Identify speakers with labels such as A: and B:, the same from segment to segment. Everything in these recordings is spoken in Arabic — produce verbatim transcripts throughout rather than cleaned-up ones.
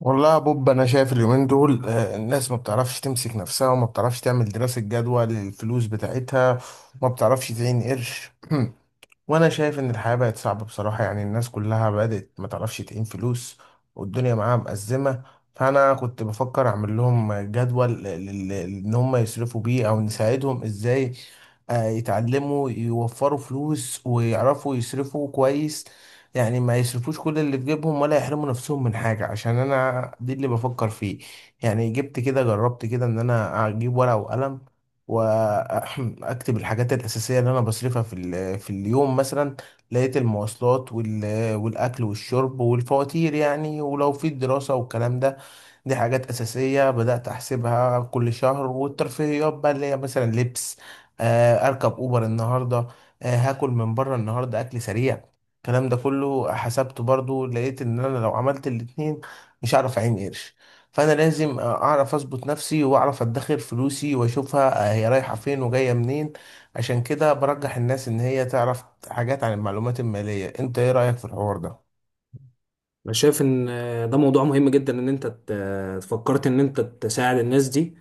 A: والله يا بوب، انا شايف اليومين دول آه، الناس ما بتعرفش تمسك نفسها وما بتعرفش تعمل دراسة جدوى للفلوس بتاعتها. ما بتعرفش تعين قرش. وانا شايف ان الحياة بقت صعبة بصراحة، يعني الناس كلها بدأت ما تعرفش تقيم فلوس والدنيا معاها مأزمة. فانا كنت بفكر اعمل لهم جدول لل- لل- ان هم يصرفوا بيه او نساعدهم ازاي. آه، يتعلموا يوفروا فلوس ويعرفوا يصرفوا كويس، يعني ما يصرفوش كل اللي في جيبهم ولا يحرموا نفسهم من حاجة، عشان انا دي اللي بفكر فيه. يعني جبت كده، جربت كده ان انا اجيب ورقة وقلم واكتب الحاجات الاساسيه اللي انا بصرفها في ال- في اليوم مثلا. لقيت المواصلات وال- والاكل والشرب والفواتير، يعني ولو في الدراسه والكلام ده، دي حاجات أساسية بدأت أحسبها كل شهر. والترفيهيات بقى اللي هي مثلا لبس، آه أركب أوبر النهاردة، آه هاكل من بره النهاردة أكل سريع. الكلام ده كله حسبته برضو، لقيت إن أنا لو عملت الاتنين مش هعرف أعين قرش. فأنا لازم آه، أعرف أظبط نفسي وأعرف أدخر فلوسي وأشوفها آه، هي رايحة فين وجاية منين. عشان كده برجح الناس إن هي تعرف حاجات عن المعلومات المالية. أنت إيه رأيك في الحوار ده؟
B: انا شايف ان ده موضوع مهم جدا ان انت ت- فكرت ان انت تساعد الناس دي.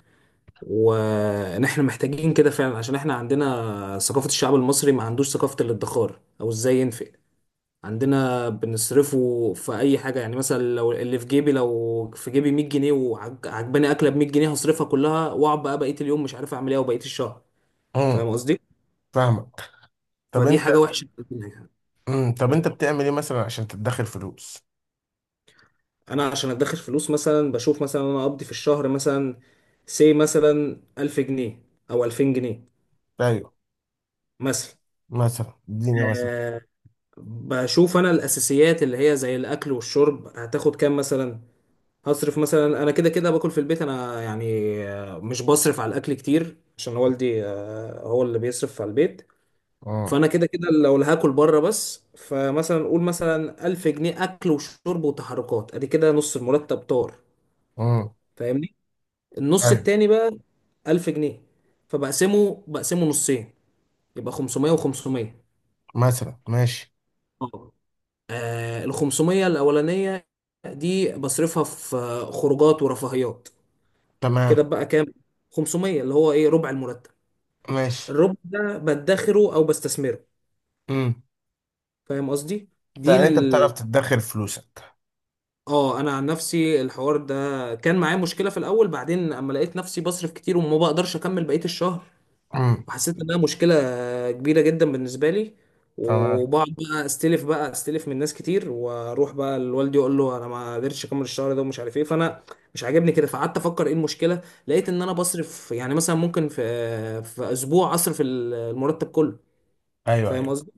B: وان احنا محتاجين كده فعلا، عشان احنا عندنا ثقافة، الشعب المصري ما عندوش ثقافة الادخار او ازاي ينفق. عندنا بنصرفه في اي حاجة، يعني مثلا لو اللي في جيبي، لو في جيبي مية جنيه وعجباني اكلة ب مية جنيه هصرفها كلها، واقعد بقى بقية اليوم مش عارف اعمل ايه وبقية الشهر. فاهم
A: امم.
B: قصدي؟
A: فاهمك. طب
B: فدي
A: أنت.
B: حاجة وحشة.
A: امم. طب انت بتعمل ايه مثلا عشان تدخر فلوس؟
B: انا عشان ادخر فلوس، مثلا بشوف مثلا انا اقضي في الشهر مثلا سي مثلا ألف جنيه او ألفين جنيه
A: ايوه.
B: مثلا،
A: مثلا اديني مثلا.
B: أه بشوف انا الاساسيات اللي هي زي الاكل والشرب هتاخد كام مثلا. هصرف مثلا، انا كده كده باكل في البيت، انا يعني آه، مش بصرف على الاكل كتير، عشان والدي آه، هو اللي بيصرف على البيت.
A: امم.
B: فانا كده كده لو اللي هاكل بره بس، فمثلا قول مثلا ألف جنيه اكل وشرب وتحركات، ادي كده نص المرتب طار.
A: امم.
B: فاهمني؟ النص
A: ايوه.
B: التاني بقى ألف جنيه، فبقسمه بقسمه نصين، يبقى خمسمية و500.
A: مثلا ماشي.
B: اه، آه، ال خمسمية الاولانيه دي بصرفها في آه، خروجات ورفاهيات،
A: تمام.
B: كده بقى كام؟ خمسمية، اللي هو ايه، ربع المرتب.
A: ماشي.
B: الربع ده بدخره او بستثمره.
A: امم.
B: فاهم قصدي؟ دي
A: يعني انت بتعرف
B: ال...
A: تدخر فلوسك.
B: اه، انا عن نفسي الحوار ده كان معايا مشكله في الاول، بعدين اما لقيت نفسي بصرف كتير وما بقدرش اكمل بقيه الشهر،
A: امم.
B: وحسيت انها مشكله كبيره جدا بالنسبه لي،
A: تمام.
B: وبقعد بقى استلف، بقى استلف من ناس كتير، واروح بقى لوالدي اقول له انا ما قدرتش اكمل الشهر ده ومش عارف ايه. فانا مش عاجبني كده، فقعدت افكر ايه المشكله. لقيت ان انا بصرف، يعني مثلا ممكن في في اسبوع اصرف المرتب كله.
A: ايوه،
B: فاهم
A: ايوه.
B: قصدي؟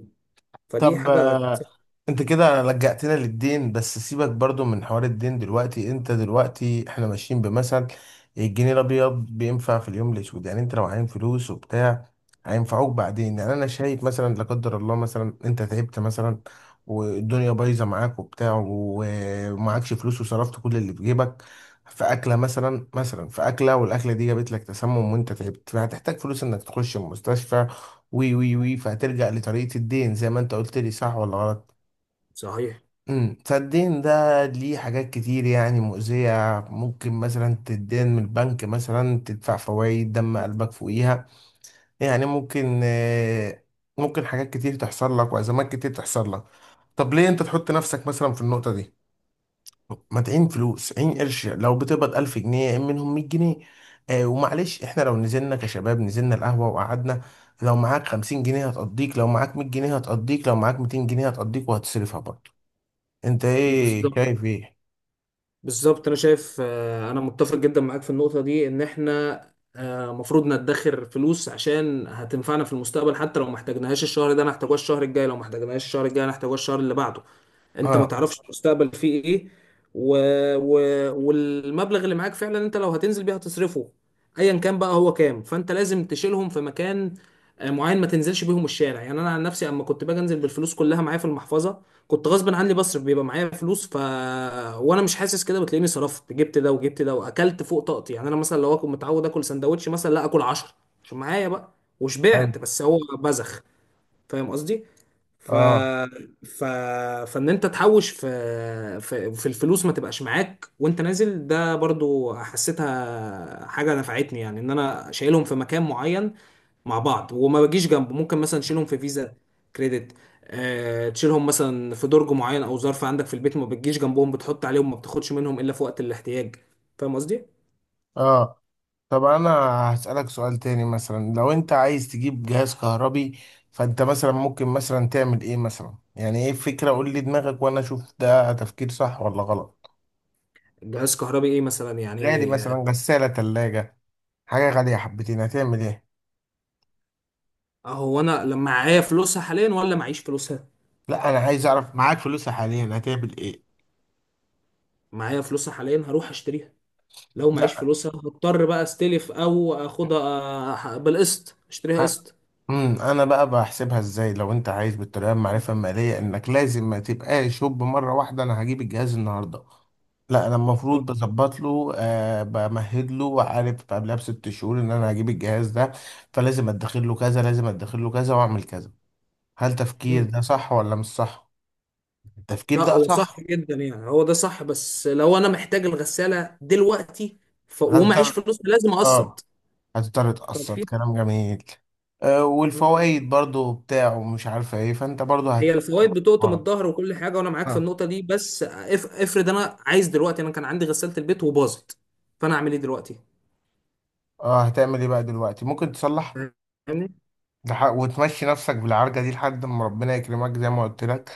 B: فدي
A: طب
B: حاجه.
A: انت كده لجأتنا للدين، بس سيبك برضو من حوار الدين دلوقتي، انت دلوقتي احنا ماشيين بمثل الجنيه الابيض بينفع في اليوم الاسود، يعني انت لو عايم فلوس وبتاع هينفعوك بعدين. يعني انا شايف مثلا، لا قدر الله، مثلا انت تعبت مثلا والدنيا بايظه معاك وبتاع، ومعكش فلوس وصرفت كل اللي في جيبك في اكله مثلا، مثلا في اكله والاكله دي جابت لك تسمم وانت تعبت، فهتحتاج فلوس انك تخش المستشفى. وي وي وي فهترجع لطريقه الدين زي ما انت قلت لي، صح ولا غلط؟
B: صحيح.
A: امم. فالدين ده ليه حاجات كتير يعني مؤذية، ممكن مثلا تدين من البنك، مثلا تدفع فوائد دم قلبك فوقيها، يعني ممكن آه، ممكن حاجات كتير تحصل لك وأزمات كتير تحصل لك. طب ليه أنت تحط نفسك مثلا في النقطة دي؟ ما تعين فلوس، عين قرش، لو بتقبض ألف جنيه عين منهم مية جنيه. آه ومعلش، احنا لو نزلنا كشباب، نزلنا القهوة وقعدنا، لو معاك خمسين جنيه هتقضيك، لو معاك مية جنيه هتقضيك، لو معاك ميتين جنيه هتقضيك وهتصرفها برضه. انت ايه
B: بالظبط،
A: شايف ايه؟
B: بالظبط. انا شايف، آه، انا متفق جدا معاك في النقطه دي، ان احنا آه، مفروض ندخر فلوس عشان هتنفعنا في المستقبل. حتى لو ما احتاجناهاش الشهر ده انا هحتاجوها الشهر الجاي، لو ما احتاجناهاش الشهر الجاي انا هحتاجوها الشهر اللي بعده. انت
A: اه.
B: ما تعرفش المستقبل فيه ايه. و... و... والمبلغ اللي معاك فعلا، انت لو هتنزل بيه هتصرفه ايا كان بقى هو كام. فانت لازم تشيلهم في مكان آه، معين، ما تنزلش بيهم الشارع. يعني انا عن نفسي، اما كنت باجي انزل بالفلوس كلها معايا في المحفظه، كنت غصب عني بصرف، بيبقى معايا فلوس ف وانا مش حاسس، كده بتلاقيني صرفت، جبت ده وجبت ده واكلت فوق طاقتي. يعني انا مثلا لو اكون متعود اكل سندوتش، مثلا لا اكل عشرة عشان معايا بقى
A: أيوة.
B: وشبعت، بس هو بزخ. فاهم قصدي؟ ف...
A: اه،
B: ف... فان انت تحوش في... في في الفلوس، ما تبقاش معاك وانت نازل. ده برضو حسيتها حاجه نفعتني، يعني ان انا شايلهم في مكان معين مع بعض وما بجيش جنبه. ممكن مثلا تشيلهم في فيزا كريدت، أه... تشيلهم مثلا في درج معين او ظرف عندك في البيت، ما بتجيش جنبهم، بتحط عليهم، ما بتاخدش منهم الا في وقت الاحتياج. فاهم قصدي؟
A: اه. طب انا هسألك سؤال تاني، مثلا لو انت عايز تجيب جهاز كهربي، فانت مثلا ممكن مثلا تعمل ايه مثلا؟ يعني ايه الفكرة؟ قول لي دماغك وانا اشوف ده تفكير صح ولا غلط.
B: جهاز كهربي ايه مثلا
A: غالي
B: يعني؟
A: مثلا، غسالة، تلاجة. حاجة غالية حبتين، هتعمل ايه؟
B: اهو انا لما معايا فلوسها حاليا ولا معيش فلوسها؟
A: لا، انا عايز اعرف معاك فلوس حاليا هتعمل ايه؟
B: معايا فلوسها حاليا، هروح اشتريها. لو معيش
A: لا.
B: فلوسها هضطر بقى استلف او اخدها أح- بالقسط، اشتريها قسط.
A: امم. انا بقى بحسبها ازاي لو انت عايز بالطريقه المعرفه الماليه؟ انك لازم ما تبقاش شوب مره واحده، انا هجيب الجهاز النهارده، لا، انا المفروض
B: طب-
A: بظبط له، آه بمهد له وعارف قبلها بست شهور ان انا هجيب الجهاز ده، فلازم ادخر له كذا، لازم ادخر له كذا، واعمل كذا. هل تفكير
B: مم.
A: ده صح ولا مش صح؟ التفكير
B: لا،
A: ده
B: هو صح
A: صح.
B: جدا، يعني هو ده صح. بس لو انا محتاج الغسالة دلوقتي ف... ومعيش
A: هتضطر.
B: فلوس لازم
A: اه.
B: اقسط.
A: هتضطر تقسط،
B: ففي،
A: كلام جميل. آه
B: مم.
A: والفوائد برضو بتاعه مش عارفه ايه، فانت برضو هت
B: هي الفوائد بتقطم
A: آه.
B: الظهر وكل حاجة، وانا معاك في النقطة دي. بس اف... افرض انا عايز دلوقتي، انا كان عندي غسالة البيت وباظت، فانا اعمل ايه دلوقتي؟
A: اه، هتعمل ايه بقى دلوقتي؟ ممكن تصلح،
B: فاهمني؟
A: لح- وتمشي نفسك بالعرجة دي لحد ما ربنا يكرمك زي ما قلت لك،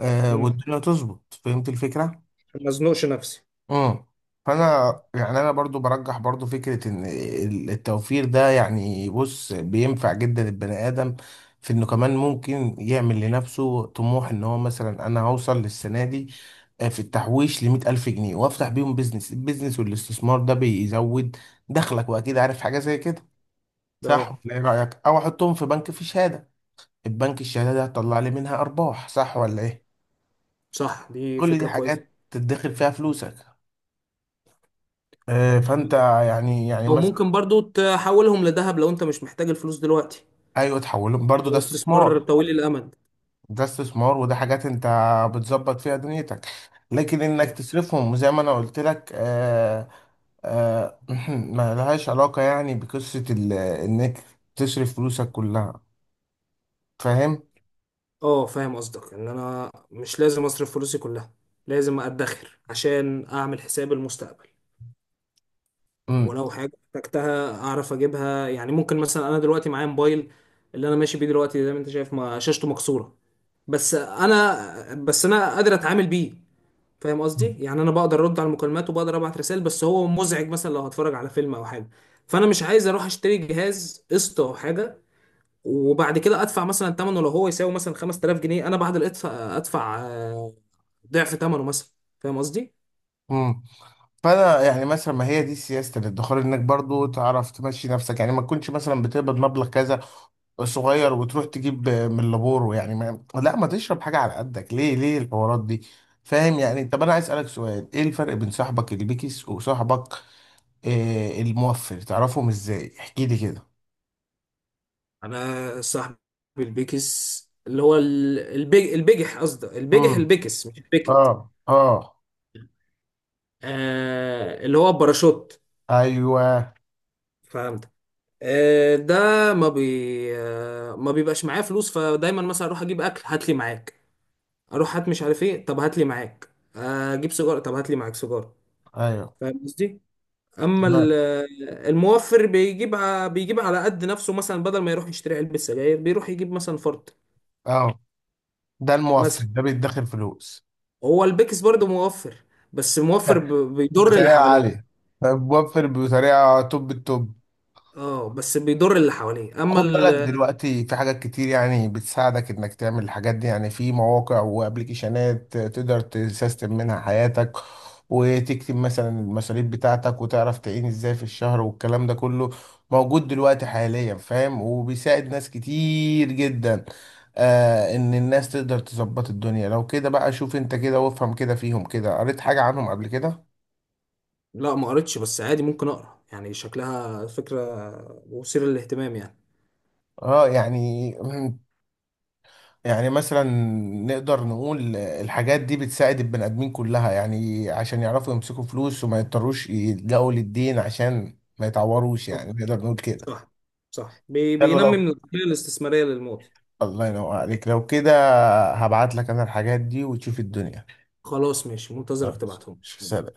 A: آه
B: مم.
A: والدنيا تظبط. فهمت الفكرة؟
B: عشان ما ازنقش نفسي.
A: امم. فانا يعني انا برضو برجح برضو فكرة ان ال- التوفير ده، يعني بص بينفع جدا البني ادم في انه كمان ممكن يعمل لنفسه طموح، ان هو مثلا انا هوصل للسنة دي، آه، في التحويش لمية ألف جنيه وأفتح بيهم بيزنس. البيزنس والاستثمار ده بيزود دخلك، وأكيد عارف حاجة زي كده،
B: ده
A: صح
B: اه،
A: ولا ايه رأيك؟ او احطهم في بنك في شهادة، البنك الشهادة ده هتطلع لي منها ارباح، صح ولا ايه؟
B: صح، دي
A: كل دي
B: فكرة كويسة.
A: حاجات تدخر فيها فلوسك، آه، فانت يعني يعني
B: او
A: مثلا.
B: ممكن برضو تحولهم لذهب لو انت مش محتاج الفلوس دلوقتي،
A: ايوه، تحولهم برضو ده
B: لو استثمار
A: استثمار.
B: طويل الامد.
A: ده استثمار، وده حاجات انت بتظبط فيها دنيتك، لكن انك
B: مم.
A: تصرفهم زي ما انا قلت لك آه، آه، ما لهاش علاقة يعني بقصة ال- انك تصرف فلوسك كلها، فاهم.
B: اه، فاهم قصدك، ان انا مش لازم اصرف فلوسي كلها، لازم ادخر عشان اعمل حساب المستقبل، ولو حاجه احتجتها اعرف اجيبها. يعني ممكن مثلا، انا دلوقتي معايا موبايل اللي انا ماشي بيه دلوقتي، زي ما انت شايف ما شاشته مكسوره. بس انا بس انا قادر اتعامل بيه. فاهم قصدي؟ يعني انا بقدر ارد على المكالمات وبقدر ابعت رسائل، بس هو مزعج مثلا لو هتفرج على فيلم او حاجه. فانا مش عايز اروح اشتري جهاز قسط او حاجه، وبعد كده ادفع مثلا ثمنه، لو هو يساوي مثلا خمستلاف جنيه انا بعد الادفع ادفع آه، ضعف ثمنه مثلا. فاهم قصدي؟
A: امم. فانا يعني مثلا، ما هي دي سياسه الادخار، انك برضو تعرف تمشي نفسك، يعني ما تكونش مثلا بتقبض مبلغ كذا صغير وتروح تجيب من لابورو. يعني ما لا ما تشرب حاجه على قدك، ليه ليه الحوارات دي؟ فاهم يعني. طب انا عايز اسالك سؤال، ايه الفرق بين صاحبك البيكس وصاحبك آه الموفر؟ تعرفهم ازاي؟ احكي لي كده.
B: انا صاحب البيكس اللي هو ال- البي... البجح، قصدي البجح
A: امم.
B: البيكس مش
A: اه،
B: البيكت.
A: اه.
B: آه، اللي هو الباراشوت،
A: ايوه،
B: فهمت. آه، ده ما بي آه، ما بيبقاش معايا فلوس، فدايما مثلا اروح اجيب اكل، هات لي معاك. اروح هات مش عارف ايه، طب هات لي معاك. آه، اجيب سيجاره، طب هات لي معاك سيجاره.
A: ايوه.
B: فاهم قصدي؟ اما
A: تمام.
B: ال- آه، الموفر بيجيب ع- بيجيب على قد نفسه. مثلا بدل ما يروح يشتري علبه سجاير، بيروح يجيب مثلا فرد
A: اه. ده الموفر
B: مثلا.
A: ده بيدخر فلوس.
B: هو البيكس برضه موفر، بس موفر ب- بيضر اللي
A: بطريقه
B: حواليه.
A: عاليه، موفر بطريقه توب التوب.
B: اه، بس بيضر اللي حواليه، اما
A: خد بالك
B: ال...
A: دلوقتي في حاجات كتير يعني بتساعدك انك تعمل الحاجات دي، يعني في مواقع وابلكيشنات تقدر تسيستم منها حياتك وتكتب مثلا المصاريف بتاعتك وتعرف تعين ازاي في الشهر، والكلام ده كله موجود دلوقتي حاليا، فاهم، وبيساعد ناس كتير جدا. آه ان الناس تقدر تظبط الدنيا لو كده، بقى شوف انت كده وافهم كده فيهم كده، قريت حاجة عنهم قبل كده؟
B: لا، ما قريتش، بس عادي ممكن اقرا، يعني شكلها فكره مثيره للاهتمام يعني.
A: اه، يعني يعني مثلا نقدر نقول الحاجات دي بتساعد البني ادمين كلها، يعني عشان يعرفوا يمسكوا فلوس وما يضطروش يلجأوا للدين عشان ما يتعوروش، يعني نقدر نقول كده.
B: صح، صح، بي-
A: يلا
B: بينمي
A: لو.
B: من العقلية الاستثمارية للمواطن.
A: الله ينور عليك، لو كده هبعت لك انا الحاجات دي، وتشوف الدنيا.
B: خلاص، ماشي، منتظرك
A: خلاص،
B: تبعتهم.
A: سلام.